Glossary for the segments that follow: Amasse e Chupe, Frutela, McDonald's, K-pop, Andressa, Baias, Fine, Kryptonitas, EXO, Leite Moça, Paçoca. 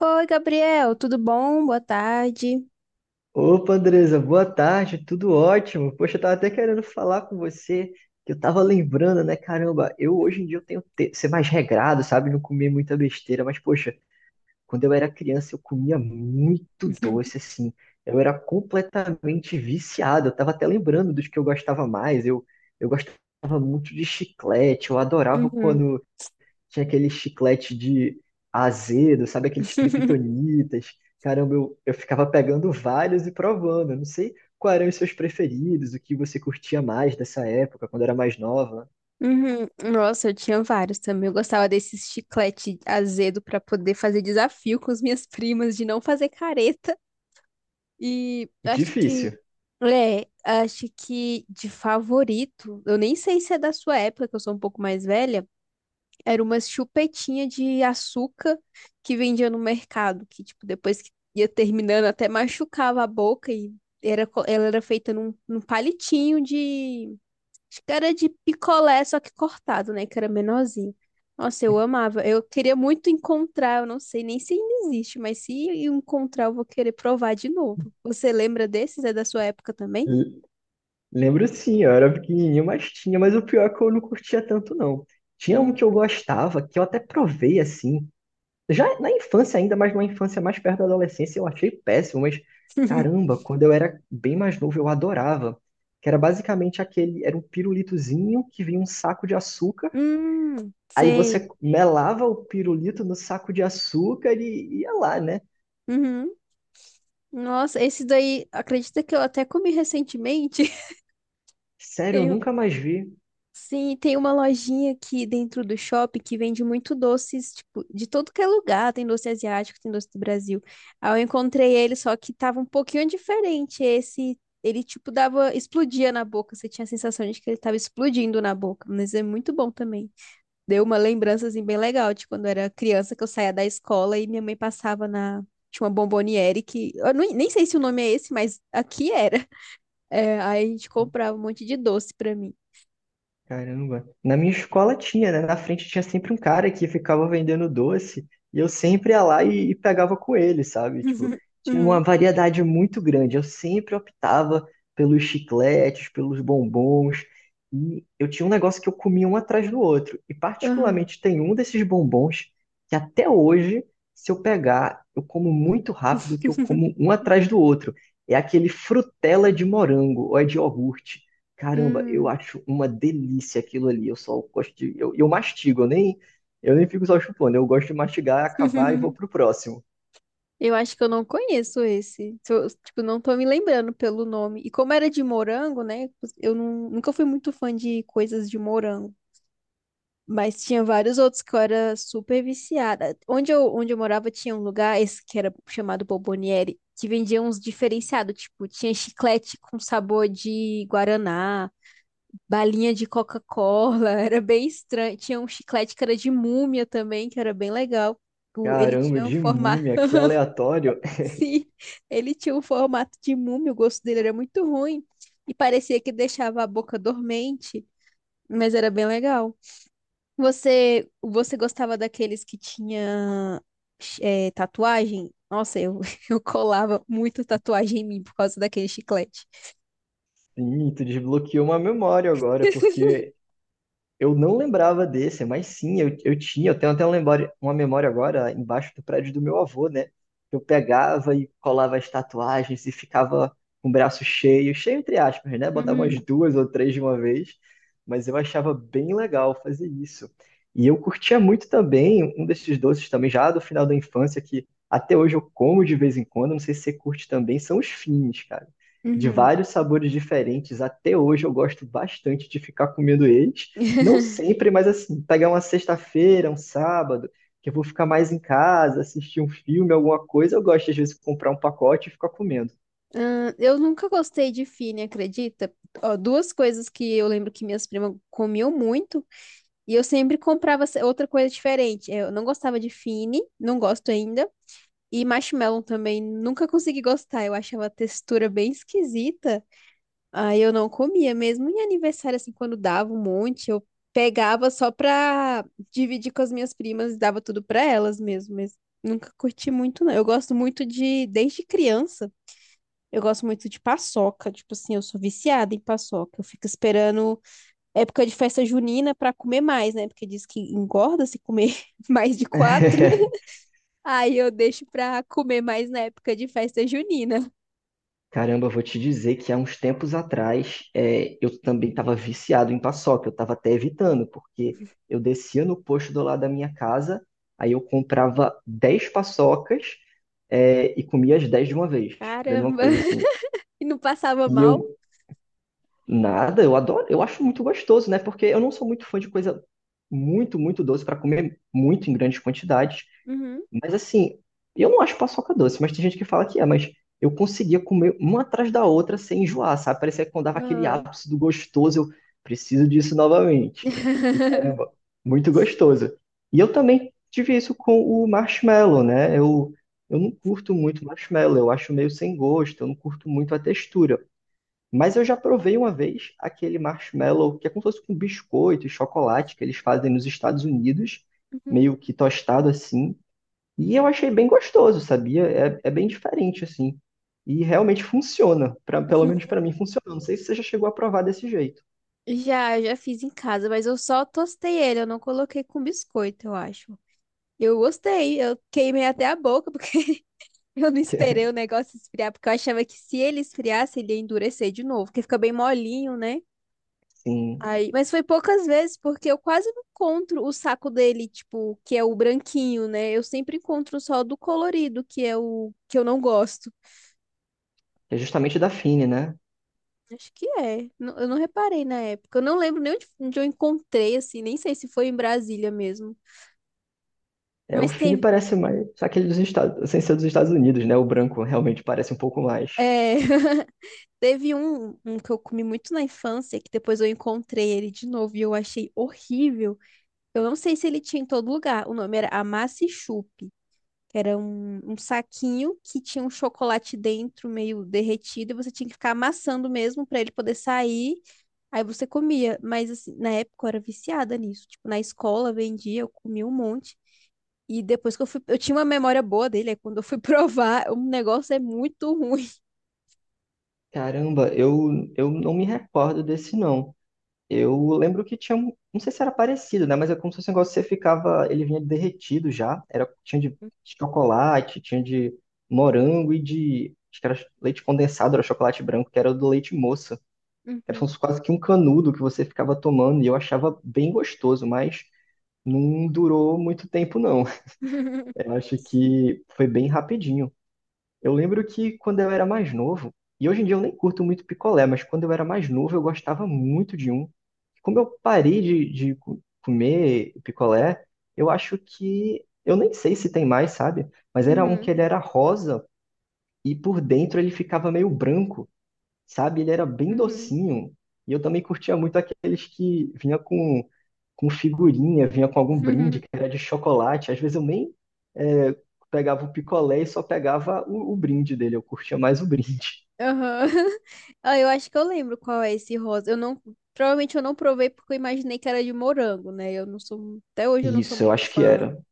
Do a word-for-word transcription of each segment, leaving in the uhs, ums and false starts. Oi, Gabriel, tudo bom? Boa tarde. Opa, Andresa, boa tarde, tudo ótimo. Poxa, eu tava até querendo falar com você, que eu tava lembrando, né? Caramba, eu hoje em dia eu tenho que ser mais regrado, sabe? Não comer muita besteira, mas poxa, quando eu era criança eu comia muito doce, assim. Eu era completamente viciado. Eu tava até lembrando dos que eu gostava mais. Eu, eu gostava muito de chiclete, eu adorava Uhum, quando tinha aquele chiclete de azedo, sabe? Aqueles kryptonitas. Caramba, eu, eu ficava pegando vários e provando. Eu não sei quais eram os seus preferidos, o que você curtia mais dessa época, quando era mais nova. uhum. Nossa, eu tinha vários também. Eu gostava desse chiclete azedo pra poder fazer desafio com as minhas primas de não fazer careta. E É acho difícil. que, é, acho que de favorito, eu nem sei se é da sua época, que eu sou um pouco mais velha. Era umas chupetinha de açúcar que vendia no mercado, que, tipo, depois que ia terminando, até machucava a boca e era, co- ela era feita num, num palitinho de. Acho que era de picolé, só que cortado, né? Que era menorzinho. Nossa, eu amava. Eu queria muito encontrar, eu não sei nem se ainda existe, mas se eu encontrar, eu vou querer provar de novo. Você lembra desses? É da sua época também? L- Lembro sim, eu era pequenininho, mas tinha, mas o pior é que eu não curtia tanto, não. Tinha um que eu Hum. gostava, que eu até provei assim, já na infância ainda, mas numa infância mais perto da adolescência, eu achei péssimo, mas caramba, quando eu era bem mais novo, eu adorava. Que era basicamente aquele, era um pirulitozinho que vinha um saco de açúcar, Hum, aí sei. você melava o pirulito no saco de açúcar e ia lá, né? Uhum. Nossa, esse daí, acredita que eu até comi recentemente? Sério, eu Tem um- nunca mais vi. sim, tem uma lojinha aqui dentro do shopping que vende muito doces, tipo, de todo que é lugar. Tem doce asiático, tem doce do Brasil. Aí eu encontrei ele, só que tava um pouquinho diferente. Esse, ele, tipo, dava, explodia na boca. Você tinha a sensação de que ele tava explodindo na boca. Mas é muito bom também. Deu uma lembrança, assim, bem legal de quando eu era criança, que eu saía da escola e minha mãe passava na. Tinha uma bomboniere que. Eu nem nem sei se o nome é esse, mas aqui era. É, aí a gente comprava um monte de doce pra mim. Caramba. Na minha escola tinha, né? Na frente tinha sempre um cara que ficava vendendo doce e eu sempre ia lá e, e pegava com ele, sabe? Tipo, tinha Hum, uma variedade muito grande. Eu sempre optava pelos chicletes, pelos bombons. E eu tinha um negócio que eu comia um atrás do outro. E ah, particularmente tem um desses bombons que até hoje, se eu pegar, eu como muito rápido que eu como um atrás do outro. É aquele frutela de morango ou é de iogurte. Caramba, eu hum. acho uma delícia aquilo ali. Eu só gosto de. Eu, eu mastigo, eu nem, eu nem fico só chupando. Eu gosto de mastigar, acabar e vou pro próximo. Eu acho que eu não conheço esse. Se eu- Tipo, não tô me lembrando pelo nome. E como era de morango, né? Eu não- Nunca fui muito fã de coisas de morango. Mas tinha vários outros que eu era super viciada. Onde eu, onde eu morava tinha um lugar, esse que era chamado Bomboniere, que vendia uns diferenciados. Tipo, tinha chiclete com sabor de guaraná, balinha de Coca-Cola, era bem estranho. Tinha um chiclete que era de múmia também, que era bem legal. O- Ele Caramba, tinha um de formato, múmia, que aleatório. Sim, ele tinha um formato de múmia, o gosto dele era muito ruim e parecia que deixava a boca dormente, mas era bem legal. Você, você gostava daqueles que tinha eh, tatuagem? Nossa, eu, eu colava muito tatuagem em mim por causa daquele chiclete. Sim, tu desbloqueou uma memória agora, porque eu não lembrava desse, mas sim, eu, eu tinha. Eu tenho até uma memória, uma memória agora embaixo do prédio do meu avô, né? Eu pegava e colava as tatuagens e ficava com o braço cheio, cheio entre aspas, né? Botava umas Uhum, duas ou três de uma vez, mas eu achava bem legal fazer isso. E eu curtia muito também um desses doces também, já do final da infância, que até hoje eu como de vez em quando, não sei se você curte também, são os fins, cara. De uhum. vários sabores diferentes, até hoje eu gosto bastante de ficar comendo eles. Não sempre, mas assim, pegar uma sexta-feira, um sábado, que eu vou ficar mais em casa, assistir um filme, alguma coisa, eu gosto às vezes de comprar um pacote e ficar comendo. Ah, eu nunca gostei de fine, acredita? Ó, duas coisas que eu lembro que minhas primas comiam muito e eu sempre comprava se- outra coisa diferente. Eu não gostava de fine, não gosto ainda. E marshmallow também nunca consegui gostar. Eu achava a textura bem esquisita. Aí eu não comia mesmo em aniversário assim quando dava um monte, eu pegava só pra dividir com as minhas primas e dava tudo pra elas mesmo, mas nunca curti muito não. Eu gosto muito de Desde criança eu gosto muito de paçoca, tipo assim, eu sou viciada em paçoca. Eu fico esperando época de festa junina pra comer mais, né? Porque diz que engorda se comer mais de quatro. Aí eu deixo pra comer mais na época de festa junina. Caramba, eu vou te dizer que há uns tempos atrás é, eu também estava viciado em paçoca, eu estava até evitando, porque eu descia no posto do lado da minha casa, aí eu comprava dez paçocas é, e comia as dez de uma vez, vendo uma Caramba! coisa assim. E não passava E eu mal? Nada, eu adoro, eu acho muito gostoso, né? Porque eu não sou muito fã de coisa muito, muito doce para comer muito em grandes quantidades. Uhum. Mas assim, eu não acho paçoca doce, mas tem gente que fala que é, mas eu conseguia comer uma atrás da outra sem enjoar, sabe? Parecia que quando dava aquele Ah. ápice do gostoso, eu preciso disso novamente. E caramba, muito gostoso. E eu também tive isso com o marshmallow, né? Eu, eu não curto muito marshmallow, eu acho meio sem gosto, eu não curto muito a textura. Mas eu já provei uma vez aquele marshmallow, que é como se fosse com biscoito e chocolate que eles fazem nos Estados Unidos, meio que tostado assim. E eu achei bem gostoso, sabia? É, é bem diferente assim. E realmente funciona, pra, pelo menos pra mim funciona. Não sei se você já chegou a provar desse jeito. Já, já fiz em casa, mas eu só tostei ele, eu não coloquei com biscoito, eu acho. Eu gostei, eu queimei até a boca, porque eu não esperei o negócio esfriar, porque eu achava que se ele esfriasse, ele ia endurecer de novo, porque fica bem molinho, né? Sim, Aí, mas foi poucas vezes, porque eu quase não encontro o saco dele, tipo, que é o branquinho, né? Eu sempre encontro só do colorido, que é o que eu não gosto. é justamente da Fine, né? Acho que é. Não- Eu não reparei na época. Eu não lembro nem onde, onde eu encontrei, assim, nem sei se foi em Brasília mesmo. É, o Mas Fine teve, parece mais aquele dos Estados, sem ser dos Estados Unidos, né? O branco realmente parece um pouco mais. é, teve um, um que eu comi muito na infância, que depois eu encontrei ele de novo e eu achei horrível. Eu não sei se ele tinha em todo lugar. O nome era Amasse e Chupe, que era um, um saquinho que tinha um chocolate dentro meio derretido e você tinha que ficar amassando mesmo para ele poder sair. Aí você comia. Mas assim, na época eu era viciada nisso. Tipo, na escola vendia, eu comia um monte. E depois que eu fui, eu tinha uma memória boa dele, aí quando eu fui provar, o negócio é muito ruim. Caramba, eu, eu não me recordo desse não. Eu lembro que tinha um, não sei se era parecido, né? Mas é como se fosse um negócio que você ficava, ele vinha derretido já. Era, tinha de chocolate, tinha de morango e de, acho que era leite condensado, era chocolate branco, que era o do leite moça. Era Uhum. como se fosse quase que um canudo que você ficava tomando e eu achava bem gostoso, mas não durou muito tempo, não. Eu acho que foi bem rapidinho. Eu lembro que quando eu era mais novo, e hoje em dia eu nem curto muito picolé, mas quando eu era mais novo eu gostava muito de um. Como eu parei de, de co- comer picolé, eu acho que. Eu nem sei se tem mais, sabe? Mas era um que Uhum. ele era rosa e por dentro ele ficava meio branco, sabe? Ele era bem Uhum. docinho. E eu também curtia muito aqueles que vinha com, com figurinha, vinha com algum brinde Uhum. que era de chocolate. Às vezes eu nem é, pegava o picolé e só pegava o, o brinde dele. Eu curtia mais o brinde. Aham. Ah, eu acho que eu lembro qual é esse rosa. Eu não, Provavelmente eu não provei porque eu imaginei que era de morango, né? Eu não sou, Até hoje eu não sou Isso, eu muito acho que fã. era.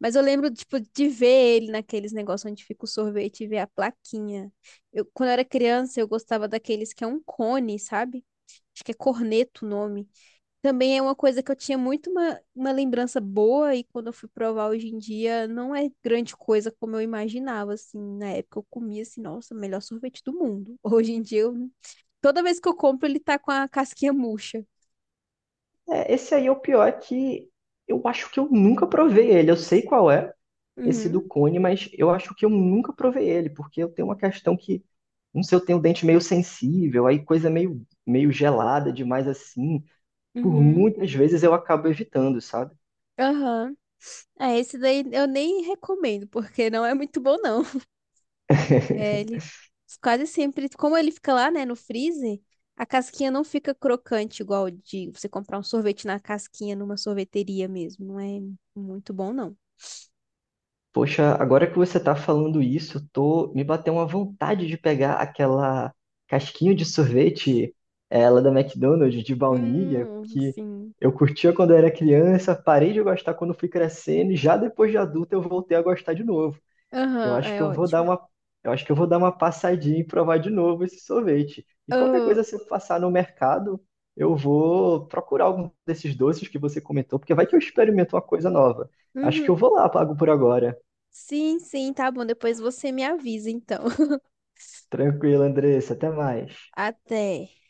Mas eu lembro, tipo, de ver ele naqueles negócios onde fica o sorvete e ver a plaquinha. Eu, quando eu era criança, eu gostava daqueles que é um cone, sabe? Acho que é corneto o nome. Também é uma coisa que eu tinha muito uma, uma lembrança boa e quando eu fui provar hoje em dia, não é grande coisa como eu imaginava, assim. Na época eu comia assim, nossa, melhor sorvete do mundo. Hoje em dia, eu- toda vez que eu compro, ele tá com a casquinha murcha. É, esse aí é o pior que eu acho que eu nunca provei ele. Eu sei qual é esse do Uhum, cone, mas eu acho que eu nunca provei ele, porque eu tenho uma questão que, não sei, eu tenho o dente meio sensível, aí coisa meio, meio gelada demais assim. Por uhum, muitas vezes eu acabo evitando, sabe? aham. Ah, esse daí eu nem recomendo, porque não é muito bom, não. É, ele quase sempre, como ele fica lá, né, no freezer, a casquinha não fica crocante igual de você comprar um sorvete na casquinha numa sorveteria mesmo. Não é muito bom, não. Poxa, agora que você tá falando isso, eu tô, me bateu uma vontade de pegar aquela casquinha de sorvete, ela da McDonald's de baunilha, Hum, que sim. eu curtia quando eu era criança, parei de gostar quando fui crescendo e já depois de adulto eu voltei a gostar de novo. Eu Aham, acho que é eu vou dar ótimo. uma, eu acho que eu vou dar uma passadinha e provar de novo esse sorvete. E qualquer Ah, coisa, se eu passar no mercado, eu vou procurar algum desses doces que você comentou, porque vai que eu experimento uma coisa nova. Acho que uhum. eu vou lá, pago por agora. Sim, sim, tá bom. Depois você me avisa, então. Tranquilo, Andressa, até mais. Até.